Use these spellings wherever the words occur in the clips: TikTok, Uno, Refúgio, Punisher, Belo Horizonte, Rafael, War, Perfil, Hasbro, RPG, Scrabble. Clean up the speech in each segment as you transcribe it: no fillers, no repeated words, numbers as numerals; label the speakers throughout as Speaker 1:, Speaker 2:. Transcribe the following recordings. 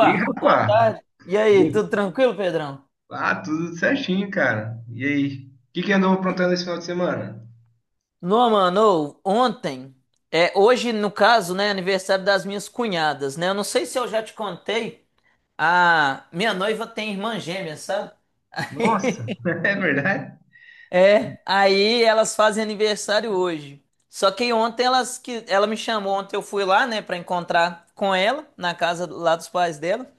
Speaker 1: E
Speaker 2: boa
Speaker 1: rapaz,
Speaker 2: tarde. E aí, tudo tranquilo, Pedrão?
Speaker 1: tudo certinho, cara. E aí? O que andou aprontando esse final de semana?
Speaker 2: Não, mano, ô, ontem, é hoje no caso, né, aniversário das minhas cunhadas, né? Eu não sei se eu já te contei, a minha noiva tem irmã gêmea, sabe?
Speaker 1: Nossa, é verdade?
Speaker 2: É, aí elas fazem aniversário hoje. Só que ontem elas que ela me chamou, ontem eu fui lá, né, pra encontrar com ela na casa lá dos pais dela.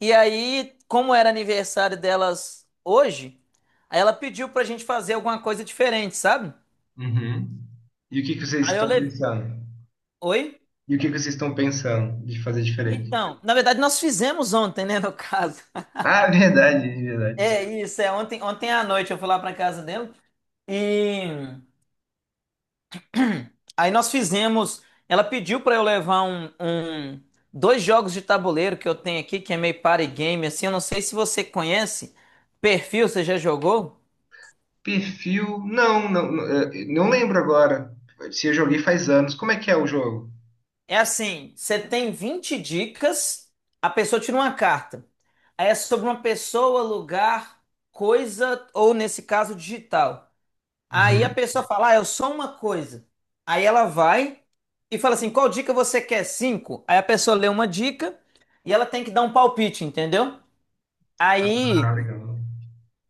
Speaker 2: E aí, como era aniversário delas hoje, aí ela pediu pra gente fazer alguma coisa diferente, sabe?
Speaker 1: Uhum. E o que vocês
Speaker 2: Aí eu
Speaker 1: estão
Speaker 2: levei.
Speaker 1: pensando?
Speaker 2: Oi?
Speaker 1: E o que vocês estão pensando de fazer diferente?
Speaker 2: Então, na verdade, nós fizemos ontem, né, no caso.
Speaker 1: Ah, verdade, verdade.
Speaker 2: É isso, é ontem, ontem à noite eu fui lá pra casa dela e aí nós fizemos. Ela pediu pra eu levar dois jogos de tabuleiro que eu tenho aqui, que é meio party game, assim. Eu não sei se você conhece. Perfil, você já jogou?
Speaker 1: Perfil? Não, não, não, não lembro agora. Se eu joguei faz anos. Como é que é o jogo?
Speaker 2: É assim, você tem 20 dicas, a pessoa tira uma carta. Aí é sobre uma pessoa, lugar, coisa, ou nesse caso, digital. Aí a
Speaker 1: Uhum.
Speaker 2: pessoa fala, ah, eu sou uma coisa. Aí ela vai e fala assim, qual dica você quer? Cinco. Aí a pessoa lê uma dica e ela tem que dar um palpite, entendeu?
Speaker 1: Ah,
Speaker 2: Aí
Speaker 1: legal.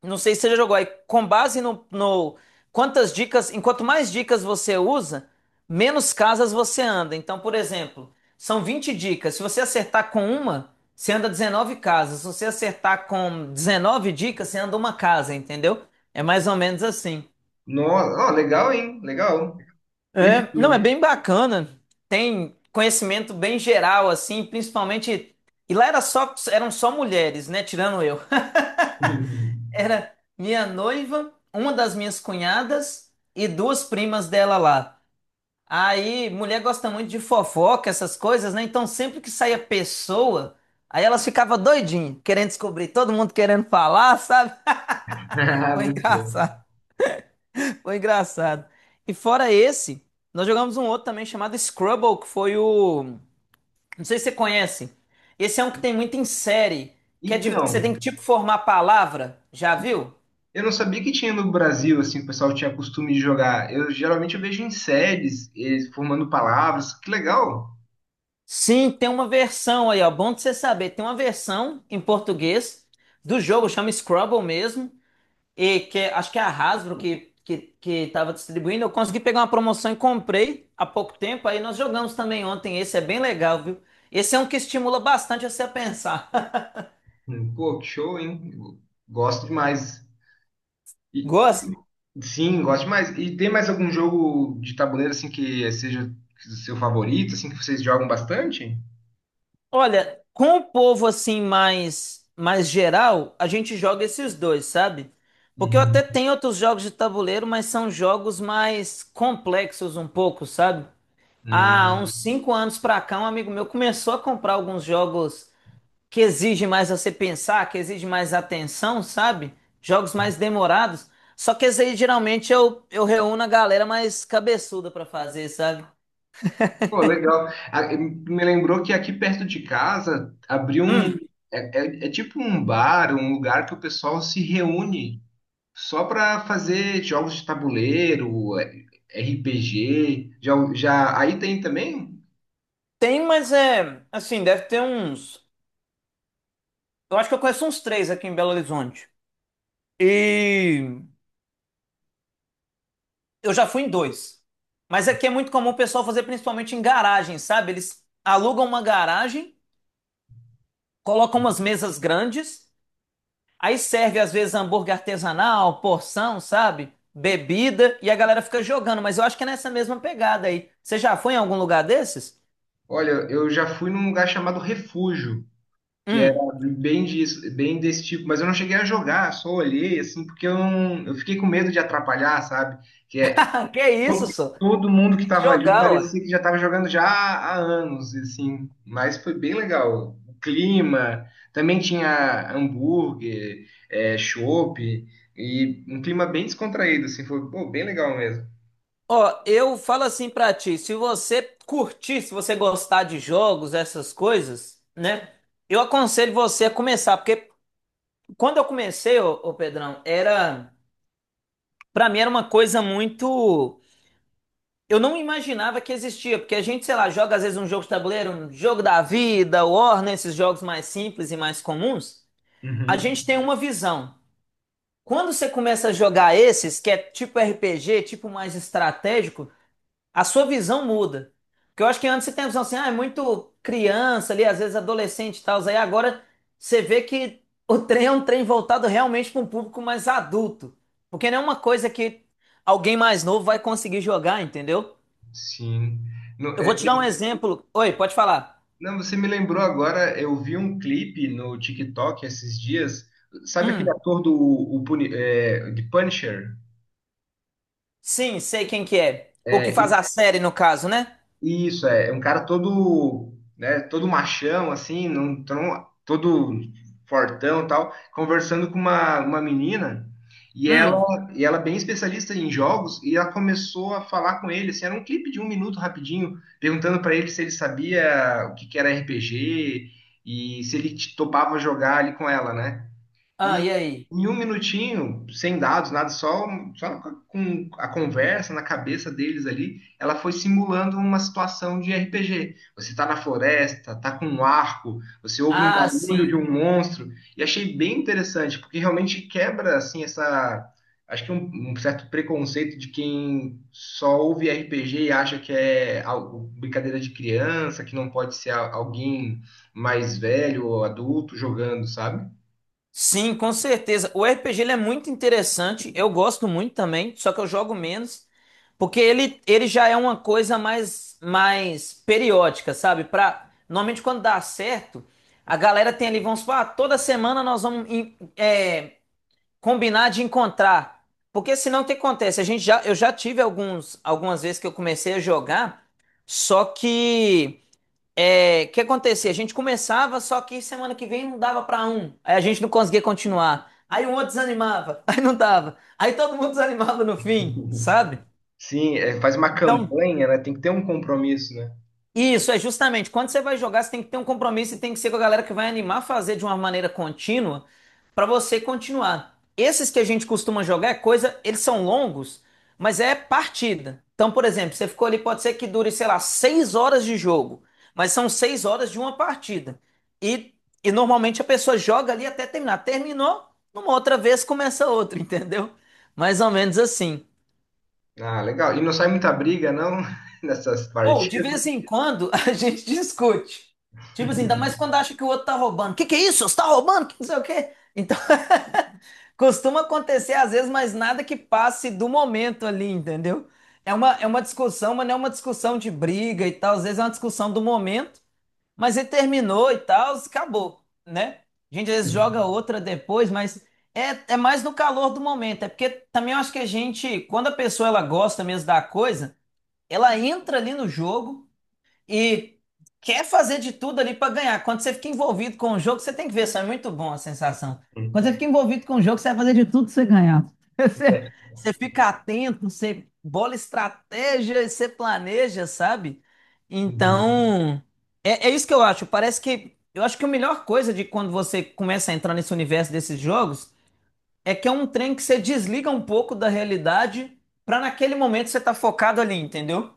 Speaker 2: não sei se você já jogou aí. Com base quantas dicas, enquanto mais dicas você usa, menos casas você anda. Então, por exemplo, são 20 dicas. Se você acertar com uma, você anda 19 casas. Se você acertar com 19 dicas, você anda uma casa, entendeu? É mais ou menos assim.
Speaker 1: No, ó, legal, hein? Legal.
Speaker 2: É, não, é
Speaker 1: Perfil.
Speaker 2: bem bacana. Tem conhecimento bem geral assim, principalmente e lá era só eram só mulheres, né, tirando eu. Era minha noiva, uma das minhas cunhadas e duas primas dela lá. Aí, mulher gosta muito de fofoca, essas coisas, né? Então, sempre que saía pessoa, aí elas ficavam doidinhas, querendo descobrir, todo mundo querendo falar, sabe?
Speaker 1: Ah,
Speaker 2: Foi
Speaker 1: muito bom.
Speaker 2: engraçado, foi engraçado. E fora esse, nós jogamos um outro também chamado Scrabble, que foi o. Não sei se você conhece. Esse é um que tem muito em série, que é de que você tem
Speaker 1: Então,
Speaker 2: que tipo formar palavra, já viu?
Speaker 1: eu não sabia que tinha no Brasil, assim, o pessoal tinha costume de jogar. Eu geralmente eu vejo em séries, eles formando palavras. Que legal!
Speaker 2: Sim, tem uma versão aí, ó. Bom de você saber. Tem uma versão em português do jogo, chama Scrabble mesmo. E que é- acho que é a Hasbro que tava distribuindo. Eu consegui pegar uma promoção e comprei há pouco tempo. Aí nós jogamos também ontem. Esse é bem legal, viu? Esse é um que estimula bastante você a pensar.
Speaker 1: Pô, que show, hein? Gosto demais. E-
Speaker 2: Gosta?
Speaker 1: e- sim, gosto demais. E tem mais algum jogo de tabuleiro, assim, que seja seu favorito, assim, que vocês jogam bastante?
Speaker 2: Olha, com o povo assim mais geral, a gente joga esses dois, sabe? Porque eu
Speaker 1: Uhum.
Speaker 2: até tenho outros jogos de tabuleiro, mas são jogos mais complexos um pouco, sabe? Há
Speaker 1: Hum.
Speaker 2: uns 5 anos pra cá, um amigo meu começou a comprar alguns jogos que exigem mais você pensar, que exigem mais atenção, sabe? Jogos mais demorados. Só que esse aí geralmente eu reúno a galera mais cabeçuda pra fazer, sabe?
Speaker 1: Pô, legal. Me lembrou que aqui perto de casa abriu um.
Speaker 2: Hum,
Speaker 1: É, é tipo um bar, um lugar que o pessoal se reúne só para fazer jogos de tabuleiro, RPG, já aí tem também.
Speaker 2: tem, mas é. Assim, deve ter uns. Eu acho que eu conheço uns três aqui em Belo Horizonte. E eu já fui em dois. Mas aqui é muito comum o pessoal fazer principalmente em garagem, sabe? Eles alugam uma garagem, colocam umas mesas grandes. Aí serve às vezes hambúrguer artesanal, porção, sabe? Bebida e a galera fica jogando, mas eu acho que é nessa mesma pegada aí. Você já foi em algum lugar desses?
Speaker 1: Olha, eu já fui num lugar chamado Refúgio, que era
Speaker 2: Hum.
Speaker 1: bem disso, bem desse tipo, mas eu não cheguei a jogar, só olhei assim, porque eu, não- eu fiquei com medo de atrapalhar, sabe? Que é
Speaker 2: Ah, que isso, só?
Speaker 1: todo mundo que
Speaker 2: Tem que
Speaker 1: estava ali
Speaker 2: jogar, ué.
Speaker 1: parecia que já estava jogando já há anos, e assim, mas foi bem legal. O clima, também tinha hambúrguer, é, chopp, e um clima bem descontraído, assim, foi pô, bem legal mesmo.
Speaker 2: Ó, eu falo assim pra ti, se você curtir, se você gostar de jogos, essas coisas, né? Eu aconselho você a começar, porque quando eu comecei, ô, ô Pedrão, era, pra mim era uma coisa muito. Eu não imaginava que existia, porque a gente, sei lá, joga às vezes um jogo de tabuleiro, um jogo da vida, War, né, esses jogos mais simples e mais comuns, a
Speaker 1: Uhum,
Speaker 2: gente tem uma visão. Quando você começa a jogar esses, que é tipo RPG, tipo mais estratégico, a sua visão muda. Porque eu acho que antes você tem a visão assim, ah, é muito criança ali, às vezes adolescente e tal, aí agora você vê que o trem é um trem voltado realmente para um público mais adulto. Porque não é uma coisa que alguém mais novo vai conseguir jogar, entendeu?
Speaker 1: sim. No-
Speaker 2: Eu vou
Speaker 1: é,
Speaker 2: te dar um
Speaker 1: esse-
Speaker 2: exemplo. Oi, pode falar.
Speaker 1: não, você me lembrou agora, eu vi um clipe no TikTok esses dias, sabe aquele
Speaker 2: Hum,
Speaker 1: ator do o Puni- é, de Punisher?
Speaker 2: sim, sei quem que é. O que faz a série, no caso, né?
Speaker 1: Isso, é, é um cara todo, né, todo machão, assim, não, tu não- todo fortão e tal, conversando com uma menina, e ela,
Speaker 2: Hum.
Speaker 1: e ela é bem especialista em jogos, e ela começou a falar com ele, assim, era um clipe de um minuto rapidinho, perguntando para ele se ele sabia o que era RPG, e se topava jogar ali com ela, né?
Speaker 2: Ah,
Speaker 1: E
Speaker 2: e aí?
Speaker 1: em um minutinho, sem dados, nada, só com a conversa na cabeça deles ali, ela foi simulando uma situação de RPG. Você tá na floresta, tá com um arco, você ouve um
Speaker 2: Ah,
Speaker 1: barulho de
Speaker 2: sim.
Speaker 1: um monstro, e achei bem interessante, porque realmente quebra, assim, essa... Acho que um certo preconceito de quem só ouve RPG e acha que é brincadeira de criança, que não pode ser alguém mais velho ou adulto jogando, sabe?
Speaker 2: Sim, com certeza. O RPG ele é muito interessante. Eu gosto muito também, só que eu jogo menos, porque ele já é uma coisa mais periódica, sabe? Pra, normalmente quando dá certo, a galera tem ali, vamos supor, ah, toda semana nós vamos combinar de encontrar. Porque senão o que acontece? A gente já, eu já tive alguns, algumas vezes que eu comecei a jogar, só que é, o que acontecia? A gente começava, só que semana que vem não dava pra um. Aí a gente não conseguia continuar. Aí o outro desanimava, aí não dava. Aí todo mundo desanimava no fim, sabe?
Speaker 1: Sim, é, faz uma
Speaker 2: Então,
Speaker 1: campanha, né? Tem que ter um compromisso, né?
Speaker 2: isso, é justamente. Quando você vai jogar, você tem que ter um compromisso e tem que ser com a galera que vai animar a fazer de uma maneira contínua para você continuar. Esses que a gente costuma jogar é coisa, eles são longos, mas é partida. Então, por exemplo, você ficou ali, pode ser que dure, sei lá, 6 horas de jogo, mas são 6 horas de uma partida. E, e normalmente a pessoa joga ali até terminar. Terminou, numa outra vez começa outra, entendeu? Mais ou menos assim.
Speaker 1: Ah, legal. E não sai muita briga, não, nessas
Speaker 2: Ou, de
Speaker 1: partidas?
Speaker 2: vez em quando, a gente discute. Tipo assim, ainda mais quando acha que o outro tá roubando. Que é isso? Você tá roubando? Que não sei o quê. Então, costuma acontecer às vezes, mas nada que passe do momento ali, entendeu? É uma discussão, mas não é uma discussão de briga e tal. Às vezes é uma discussão do momento, mas ele terminou e tal, acabou, né? A gente às vezes joga
Speaker 1: Hum.
Speaker 2: outra depois, mas é mais no calor do momento. É porque também eu acho que a gente, quando a pessoa ela gosta mesmo da coisa, ela entra ali no jogo e quer fazer de tudo ali para ganhar. Quando você fica envolvido com o jogo, você tem que ver, isso é muito bom a sensação. Quando você fica envolvido com o jogo, você vai fazer de tudo para você ganhar. Você,
Speaker 1: É.
Speaker 2: você fica atento, você bola estratégia, e você planeja, sabe?
Speaker 1: Uhum.
Speaker 2: Então, é isso que eu acho. Parece que eu acho que a melhor coisa de quando você começa a entrar nesse universo desses jogos é que é um trem que você desliga um pouco da realidade para naquele momento você tá focado ali, entendeu?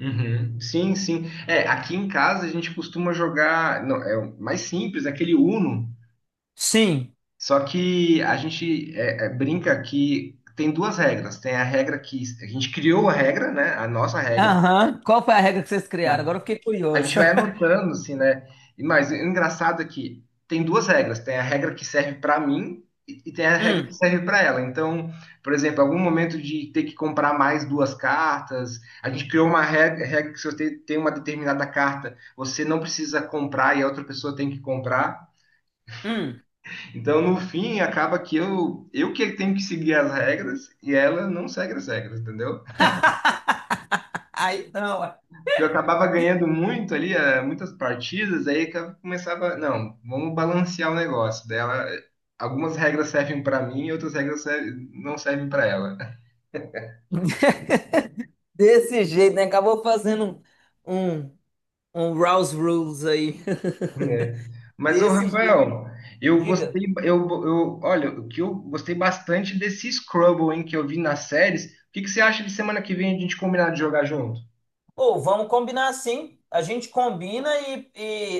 Speaker 1: Uhum. Sim, sim. É, aqui em casa a gente costuma jogar, não, é o mais simples, aquele Uno.
Speaker 2: Sim,
Speaker 1: Só que a gente brinca que tem duas regras. Tem a regra que a gente criou a regra, né? A nossa regra.
Speaker 2: aham. Qual foi a regra que vocês criaram? Agora eu fiquei
Speaker 1: A
Speaker 2: curioso.
Speaker 1: gente vai anotando, assim, né? E mais, o engraçado é que tem duas regras. Tem a regra que serve para mim e tem a regra que
Speaker 2: Hum,
Speaker 1: serve para ela. Então, por exemplo, algum momento de ter que comprar mais duas cartas, a gente criou uma regra, regra que se você tem uma determinada carta, você não precisa comprar e a outra pessoa tem que comprar.
Speaker 2: hum.
Speaker 1: Então, no fim, acaba que eu que tenho que seguir as regras e ela não segue as regras, entendeu?
Speaker 2: Aí não, ué.
Speaker 1: Eu acabava ganhando muito ali, muitas partidas, aí que eu começava, não, vamos balancear o negócio dela. Algumas regras servem para mim, outras não servem para ela.
Speaker 2: Desse jeito, né? Acabou fazendo um, um, um Rouse Rules aí.
Speaker 1: É. Mas o
Speaker 2: Desse jeito.
Speaker 1: Rafael, eu
Speaker 2: Diga.
Speaker 1: gostei, olha, o que eu gostei bastante desse Scrabble, hein, que eu vi nas séries. O que que você acha de semana que vem a gente combinar de jogar junto?
Speaker 2: Ou vamos combinar assim. A gente combina e,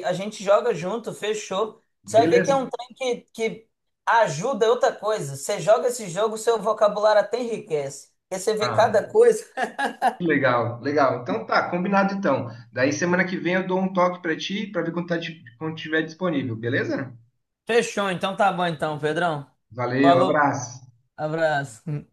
Speaker 2: e a gente joga junto, fechou. Você vai ver que é
Speaker 1: Beleza?
Speaker 2: um trem que ajuda outra coisa. Você joga esse jogo, seu vocabulário até enriquece. Porque você vê
Speaker 1: Ah,
Speaker 2: cada coisa.
Speaker 1: que legal, legal. Então tá, combinado então. Daí semana que vem eu dou um toque pra ti, pra ver quando, tá, quando tiver disponível, beleza?
Speaker 2: Fechou, então tá bom então, Pedrão.
Speaker 1: Valeu,
Speaker 2: Falou.
Speaker 1: abraço.
Speaker 2: Abraço.